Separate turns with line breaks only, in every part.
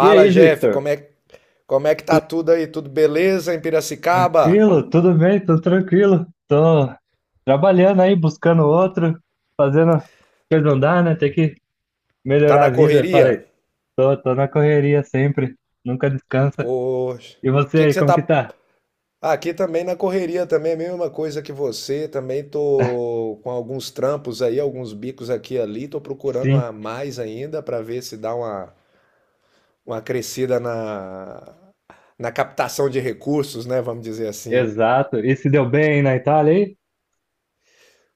E aí,
Jeff,
Victor?
como é que tá tudo aí? Tudo beleza em Piracicaba?
Tranquilo? Tudo bem? Tudo tranquilo? Tô trabalhando aí, buscando outro, fazendo as coisas andar, né? Tem que
Tá
melhorar a
na
vida. Falei,
correria?
tô na correria sempre, nunca descansa.
Poxa,
E
o
você
que que
aí,
você
como
tá…
que tá?
Ah, aqui também na correria também, a mesma coisa que você, também tô com alguns trampos aí, alguns bicos aqui e ali, tô procurando
Sim,
a mais ainda para ver se dá uma crescida na captação de recursos, né, vamos dizer assim.
exato. E se deu bem na Itália aí?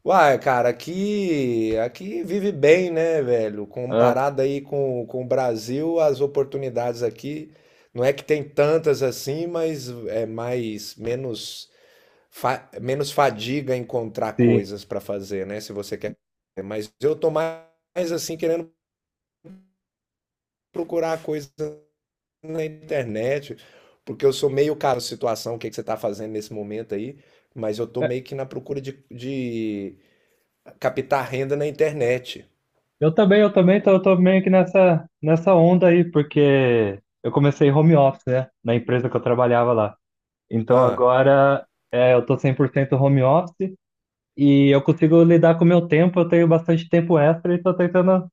Uai, cara, aqui, aqui vive bem, né, velho?
Ah,
Comparado aí com o Brasil, as oportunidades aqui não é que tem tantas assim, mas é mais menos menos fadiga encontrar
sim.
coisas pra fazer, né? Se você quer. Mas eu tô mais assim querendo procurar coisas na internet, porque eu sou meio cara situação, o que que você tá fazendo nesse momento aí, mas eu tô
É,
meio que na procura de captar renda na internet.
Eu também, tô meio que nessa, nessa onda aí, porque eu comecei home office, né? Na empresa que eu trabalhava lá. Então
Hã.
agora é, eu tô 100% home office. E eu consigo lidar com o meu tempo, eu tenho bastante tempo extra e estou tentando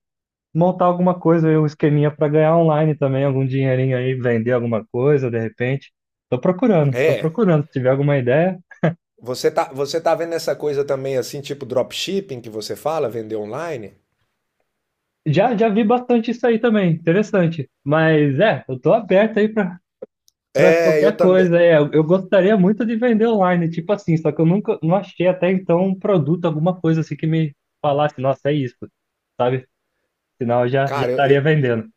montar alguma coisa, um esqueminha para ganhar online também, algum dinheirinho aí, vender alguma coisa, de repente. Estou procurando, estou
É.
procurando, se tiver alguma ideia.
Você tá vendo essa coisa também, assim, tipo dropshipping que você fala, vender online?
Já, já vi bastante isso aí também, interessante. Mas é, eu tô aberto aí para
É, eu
qualquer coisa.
também.
É, eu gostaria muito de vender online, tipo assim, só que eu nunca não achei até então um produto, alguma coisa assim que me falasse, nossa, é isso, sabe? Senão eu já
Cara,
estaria vendendo.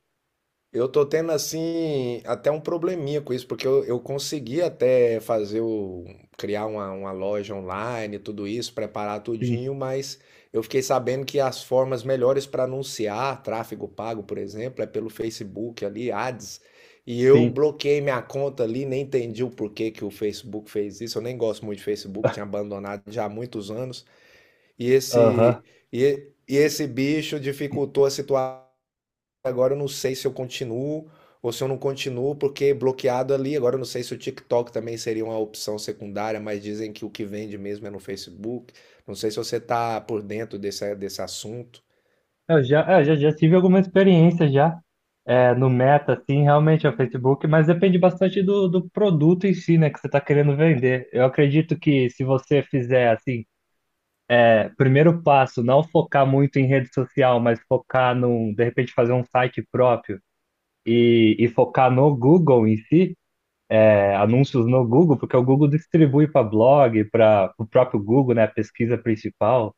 eu tô tendo assim até um probleminha com isso, porque eu consegui até fazer o criar uma loja online, tudo isso, preparar
Sim,
tudinho, mas eu fiquei sabendo que as formas melhores para anunciar tráfego pago, por exemplo, é pelo Facebook ali, Ads, e eu
sim.
bloqueei minha conta ali, nem entendi o porquê que o Facebook fez isso. Eu nem gosto muito de Facebook, tinha abandonado já há muitos anos, e
Aham.
esse e esse bicho dificultou a situação. Agora eu não sei se eu continuo ou se eu não continuo, porque bloqueado ali. Agora eu não sei se o TikTok também seria uma opção secundária, mas dizem que o que vende mesmo é no Facebook. Não sei se você tá por dentro desse, desse assunto.
Eu já, é, já tive alguma experiência já é, no Meta, assim, realmente é o Facebook, mas depende bastante do produto em si, né, que você está querendo vender. Eu acredito que se você fizer, assim, é, primeiro passo, não focar muito em rede social, mas focar num, de repente, fazer um site próprio e focar no Google em si, é, anúncios no Google, porque o Google distribui para blog, para o próprio Google, né, a pesquisa principal.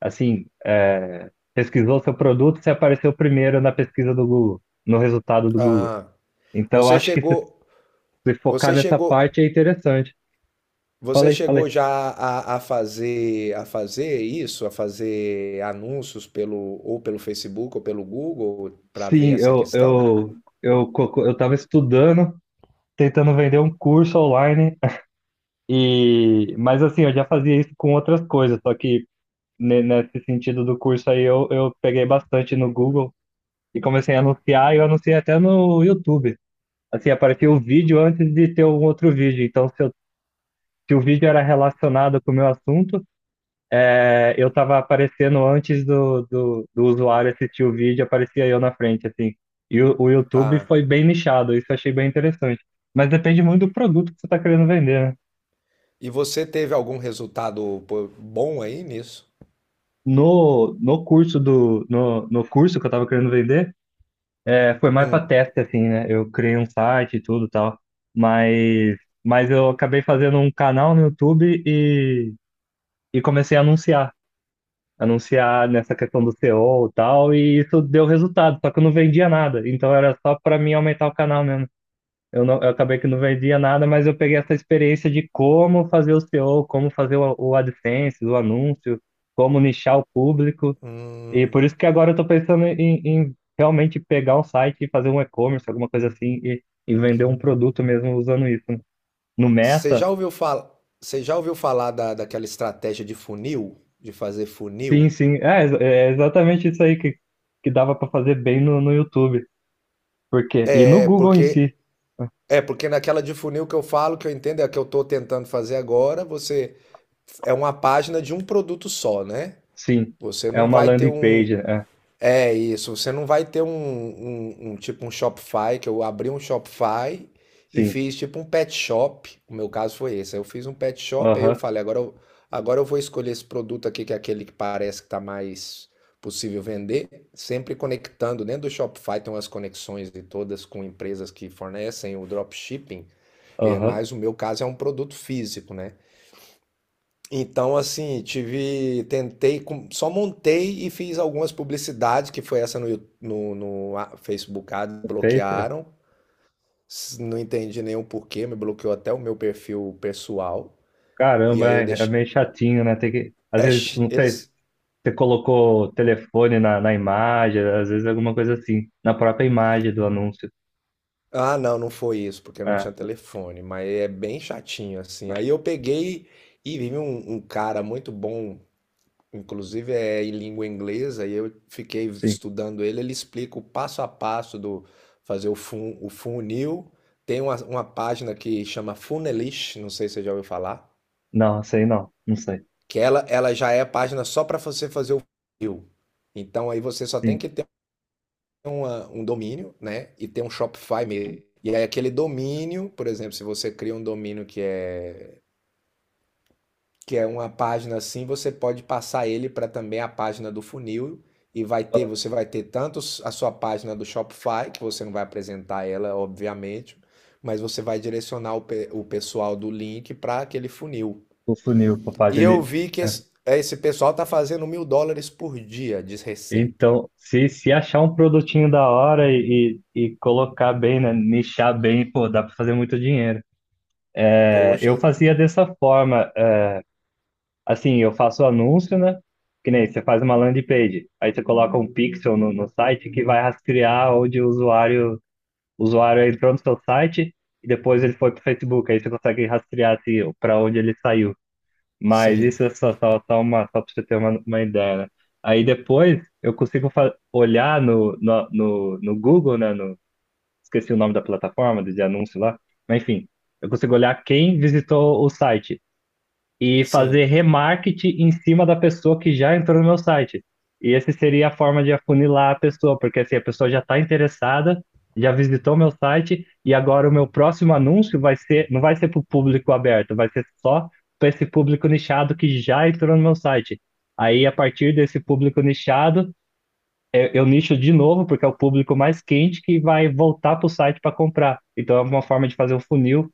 Assim, é, pesquisou seu produto, você apareceu primeiro na pesquisa do Google, no resultado do Google.
Ah,
Então,
você
acho que se,
chegou,
se focar
você
nessa
chegou,
parte é interessante.
você
Falei, falei.
chegou já a fazer isso, a fazer anúncios pelo ou pelo Facebook ou pelo Google para ver
Sim,
essa
eu,
questão?
eu, eu, co- eu estava estudando, tentando vender um curso online, e, mas assim, eu já fazia isso com outras coisas, só que nesse sentido do curso aí eu peguei bastante no Google e comecei a anunciar, e eu anunciei até no YouTube. Assim, aparecia o vídeo antes de ter um outro vídeo. Então, se o vídeo era relacionado com o meu assunto. É, eu estava aparecendo antes do usuário assistir o vídeo, aparecia eu na frente, assim. E o YouTube
Ah,
foi bem nichado, isso eu achei bem interessante. Mas depende muito do produto que você está querendo vender, né?
e você teve algum resultado pô, bom aí nisso?
No curso que eu estava querendo vender, é, foi mais para
Hum.
teste, assim, né? Eu criei um site e tudo e tal. Mas, mas eu acabei fazendo um canal no YouTube e comecei a anunciar. Anunciar nessa questão do SEO e O e tal, e isso deu resultado, só que eu não vendia nada, então era só para mim aumentar o canal mesmo. Eu, não, eu acabei que não vendia nada, mas eu peguei essa experiência de como fazer o SEO, como fazer o AdSense, o anúncio, como nichar o público, e
Hum,
por isso que agora eu tô pensando em, em realmente pegar um site e fazer um e-commerce, alguma coisa assim, e vender um produto mesmo usando isso. Né? No
você
Meta,
já ouviu falar, você já ouviu falar da, daquela estratégia de funil, de fazer
sim,
funil?
sim, é, é exatamente isso aí que dava para fazer bem no, no YouTube. Porque, e no
É
Google em
porque
si,
é porque naquela de funil que eu falo, que eu entendo, é a que eu estou tentando fazer agora, você é uma página de um produto só, né?
sim,
Você
é
não
uma
vai ter
landing
um…
page, é,
É isso, você não vai ter um tipo um Shopify, que eu abri um Shopify e
sim,
fiz tipo um pet shop. O meu caso foi esse. Aí eu fiz um pet shop, aí eu
aham,
falei, agora eu vou escolher esse produto aqui, que é aquele que parece que está mais possível vender, sempre conectando. Dentro do Shopify tem umas conexões de todas com empresas que fornecem o dropshipping, e é
aham,
mais o meu caso é um produto físico, né? Então, assim, tive, tentei, só montei e fiz algumas publicidades, que foi essa no Facebook Ads,
fez, é.
bloquearam. Não entendi nenhum porquê, me bloqueou até o meu perfil pessoal. E
Caramba,
aí eu
é, é
deixei.
meio chatinho, né, tem que, às vezes, não sei, se
Eles.
você colocou o telefone na, na imagem, às vezes alguma coisa assim, na própria imagem do anúncio,
Ah, não, não foi isso, porque eu não
é,
tinha telefone, mas é bem chatinho, assim.
é,
Aí eu peguei e vi um, um cara muito bom. Inclusive é em língua inglesa e eu fiquei
sim,
estudando ele. Ele explica o passo a passo do fazer o funil. Tem uma página que chama Funelish, não sei se você já ouviu falar,
não, sei não, não sei,
que ela já é a página só para você fazer o funil. Então aí você só tem
sim.
que ter um domínio, né? E ter um Shopify mesmo. E aí aquele domínio, por exemplo, se você cria um domínio que é uma página assim, você pode passar ele para também a página do funil e vai ter,
Ah,
você vai ter tanto a sua página do Shopify, que você não vai apresentar ela, obviamente, mas você vai direcionar o pessoal do link para aquele funil.
o funil, a
E
página,
eu vi que
é.
esse pessoal tá fazendo US$ 1.000 por dia de receita.
Então, se achar um produtinho da hora e colocar bem, né, nichar bem, pô, dá pra fazer muito dinheiro.
Poxa,
Eu fazia dessa forma, assim, eu faço anúncio, né? Que nem você faz uma landing page, aí você coloca um pixel no, no site que vai rastrear onde o usuário entrou no seu site e depois ele foi para o Facebook, aí você consegue rastrear assim, para onde ele saiu. Mas
sim,
isso é só uma, só para você ter uma ideia, né? Aí depois eu consigo olhar no Google, né? No, esqueci o nome da plataforma, de anúncio lá, mas enfim, eu consigo olhar quem visitou o site e fazer
sim.
remarketing em cima da pessoa que já entrou no meu site. E essa seria a forma de afunilar a pessoa, porque assim, a pessoa já está interessada, já visitou meu site, e agora o meu próximo anúncio vai ser, não vai ser para o público aberto, vai ser só para esse público nichado que já entrou no meu site. Aí, a partir desse público nichado, eu nicho de novo, porque é o público mais quente que vai voltar para o site para comprar. Então, é uma forma de fazer um funil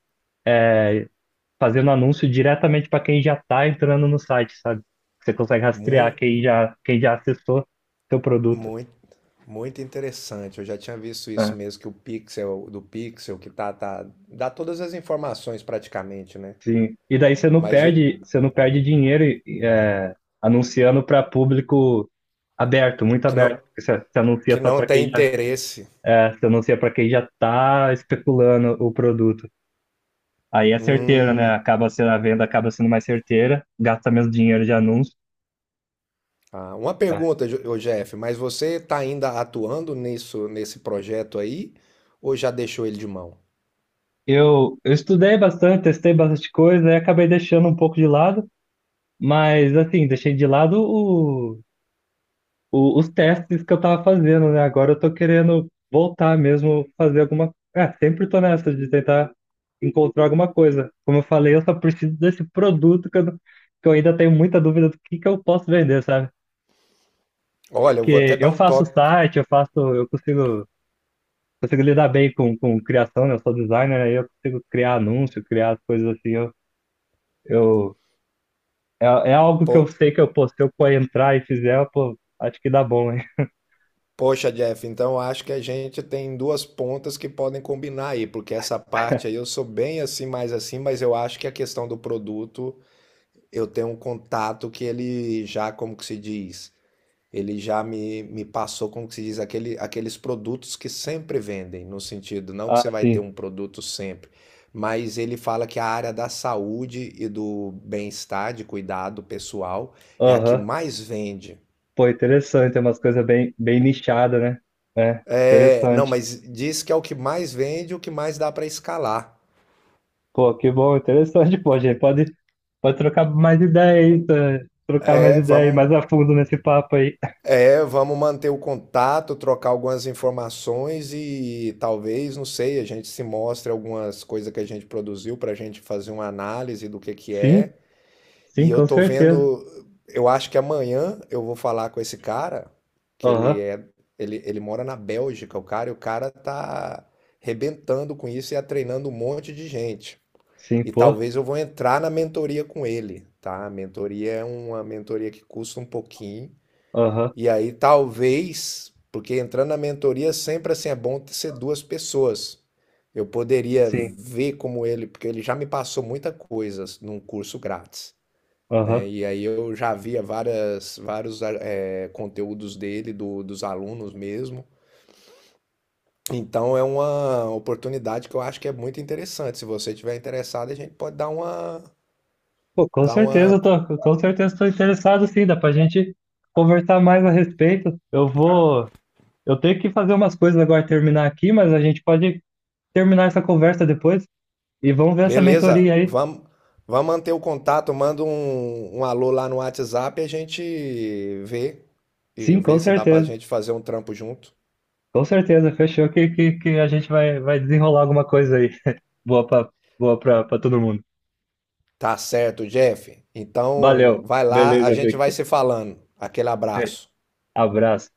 fazendo anúncio diretamente para quem já está entrando no site, sabe? Você consegue rastrear
Mu-
quem já acessou seu produto.
Muito, muito interessante. Eu já tinha visto isso
Né?
mesmo, que o Pixel do Pixel, que tá, tá, dá todas as informações praticamente, né?
Sim. E daí
Mas eu-
você não perde dinheiro é, anunciando para público aberto, muito
que
aberto.
não,
Porque você
que
anuncia só
não
para
tem
quem já,
interesse.
é, você anuncia para quem já está especulando o produto. Aí é certeiro,
Hum.
né? Acaba sendo a venda, acaba sendo mais certeira, gasta menos dinheiro de anúncio.
Ah, uma
É.
pergunta, ô Jeff, mas você tá ainda atuando nisso, nesse projeto aí, ou já deixou ele de mão?
Eu estudei bastante, testei bastante coisa, aí acabei deixando um pouco de lado. Mas assim, deixei de lado os testes que eu tava fazendo, né? Agora eu tô querendo voltar mesmo, fazer alguma. É, sempre tô nessa de tentar encontrar alguma coisa. Como eu falei, eu só preciso desse produto que eu, não- que eu ainda tenho muita dúvida do que eu posso vender, sabe?
Olha, eu vou até
Porque
dar
eu
um
faço
toque.
site, eu faço, consigo lidar bem com criação, né? Eu sou designer, aí eu consigo criar anúncio, criar as coisas assim. Eu, é, é algo que eu sei que eu, pô, se eu entrar e fizer, pô, acho que dá bom, hein?
Poxa, Jeff, então acho que a gente tem duas pontas que podem combinar aí, porque essa parte aí eu sou bem assim, mais assim, mas eu acho que a questão do produto, eu tenho um contato que ele já, como que se diz, ele já me passou, como que se diz, aquele, aqueles produtos que sempre vendem, no sentido, não que você
Ah,
vai ter
sim.
um produto sempre, mas ele fala que a área da saúde e do bem-estar, de cuidado pessoal, é a que
Aham.
mais vende.
Pô, interessante. Tem umas coisas bem, bem nichadas, né? É,
É, não,
interessante.
mas diz que é o que mais vende, o que mais dá para escalar.
Pô, que bom, interessante. Pô, a gente pode, pode trocar mais ideia aí, tá? Trocar mais
É,
ideia aí,
vamos,
mais a fundo nesse papo aí.
é, vamos manter o contato, trocar algumas informações e talvez, não sei, a gente se mostre algumas coisas que a gente produziu para a gente fazer uma análise do que
Sim,
é. E
sim,
eu
com
tô
certeza.
vendo, eu acho que amanhã eu vou falar com esse cara, que ele
Aham,
é, ele mora na Bélgica, o cara, e o cara tá arrebentando com isso e tá treinando um monte de gente.
sim,
E
pô.
talvez eu vou entrar na mentoria com ele, tá? A mentoria é uma mentoria que custa um pouquinho.
Aham,
E aí talvez, porque entrando na mentoria sempre assim é bom ser duas pessoas. Eu poderia
sim,
ver como ele, porque ele já me passou muita coisa num curso grátis, né?
aham.
E aí eu já via várias, vários é, conteúdos dele, do, dos alunos mesmo. Então é uma oportunidade que eu acho que é muito interessante. Se você tiver interessado, a gente pode
Pô, com
dar
certeza,
uma…
eu tô, com certeza estou interessado, sim. Dá pra gente conversar mais a respeito. Eu vou. Eu tenho que fazer umas coisas agora, terminar aqui, mas a gente pode terminar essa conversa depois. E vamos ver essa
Beleza,
mentoria aí.
vamos manter o contato, manda um alô lá no WhatsApp e a gente vê e
Sim, com
vê se dá pra
certeza.
gente fazer um trampo junto.
Com certeza. Fechou que, que a gente vai, vai desenrolar alguma coisa aí. Boa para Boa para todo mundo.
Tá certo, Jeff. Então
Valeu.
vai lá, a
Beleza,
gente vai
Victor.
se falando. Aquele
Beijo.
abraço.
Abraço.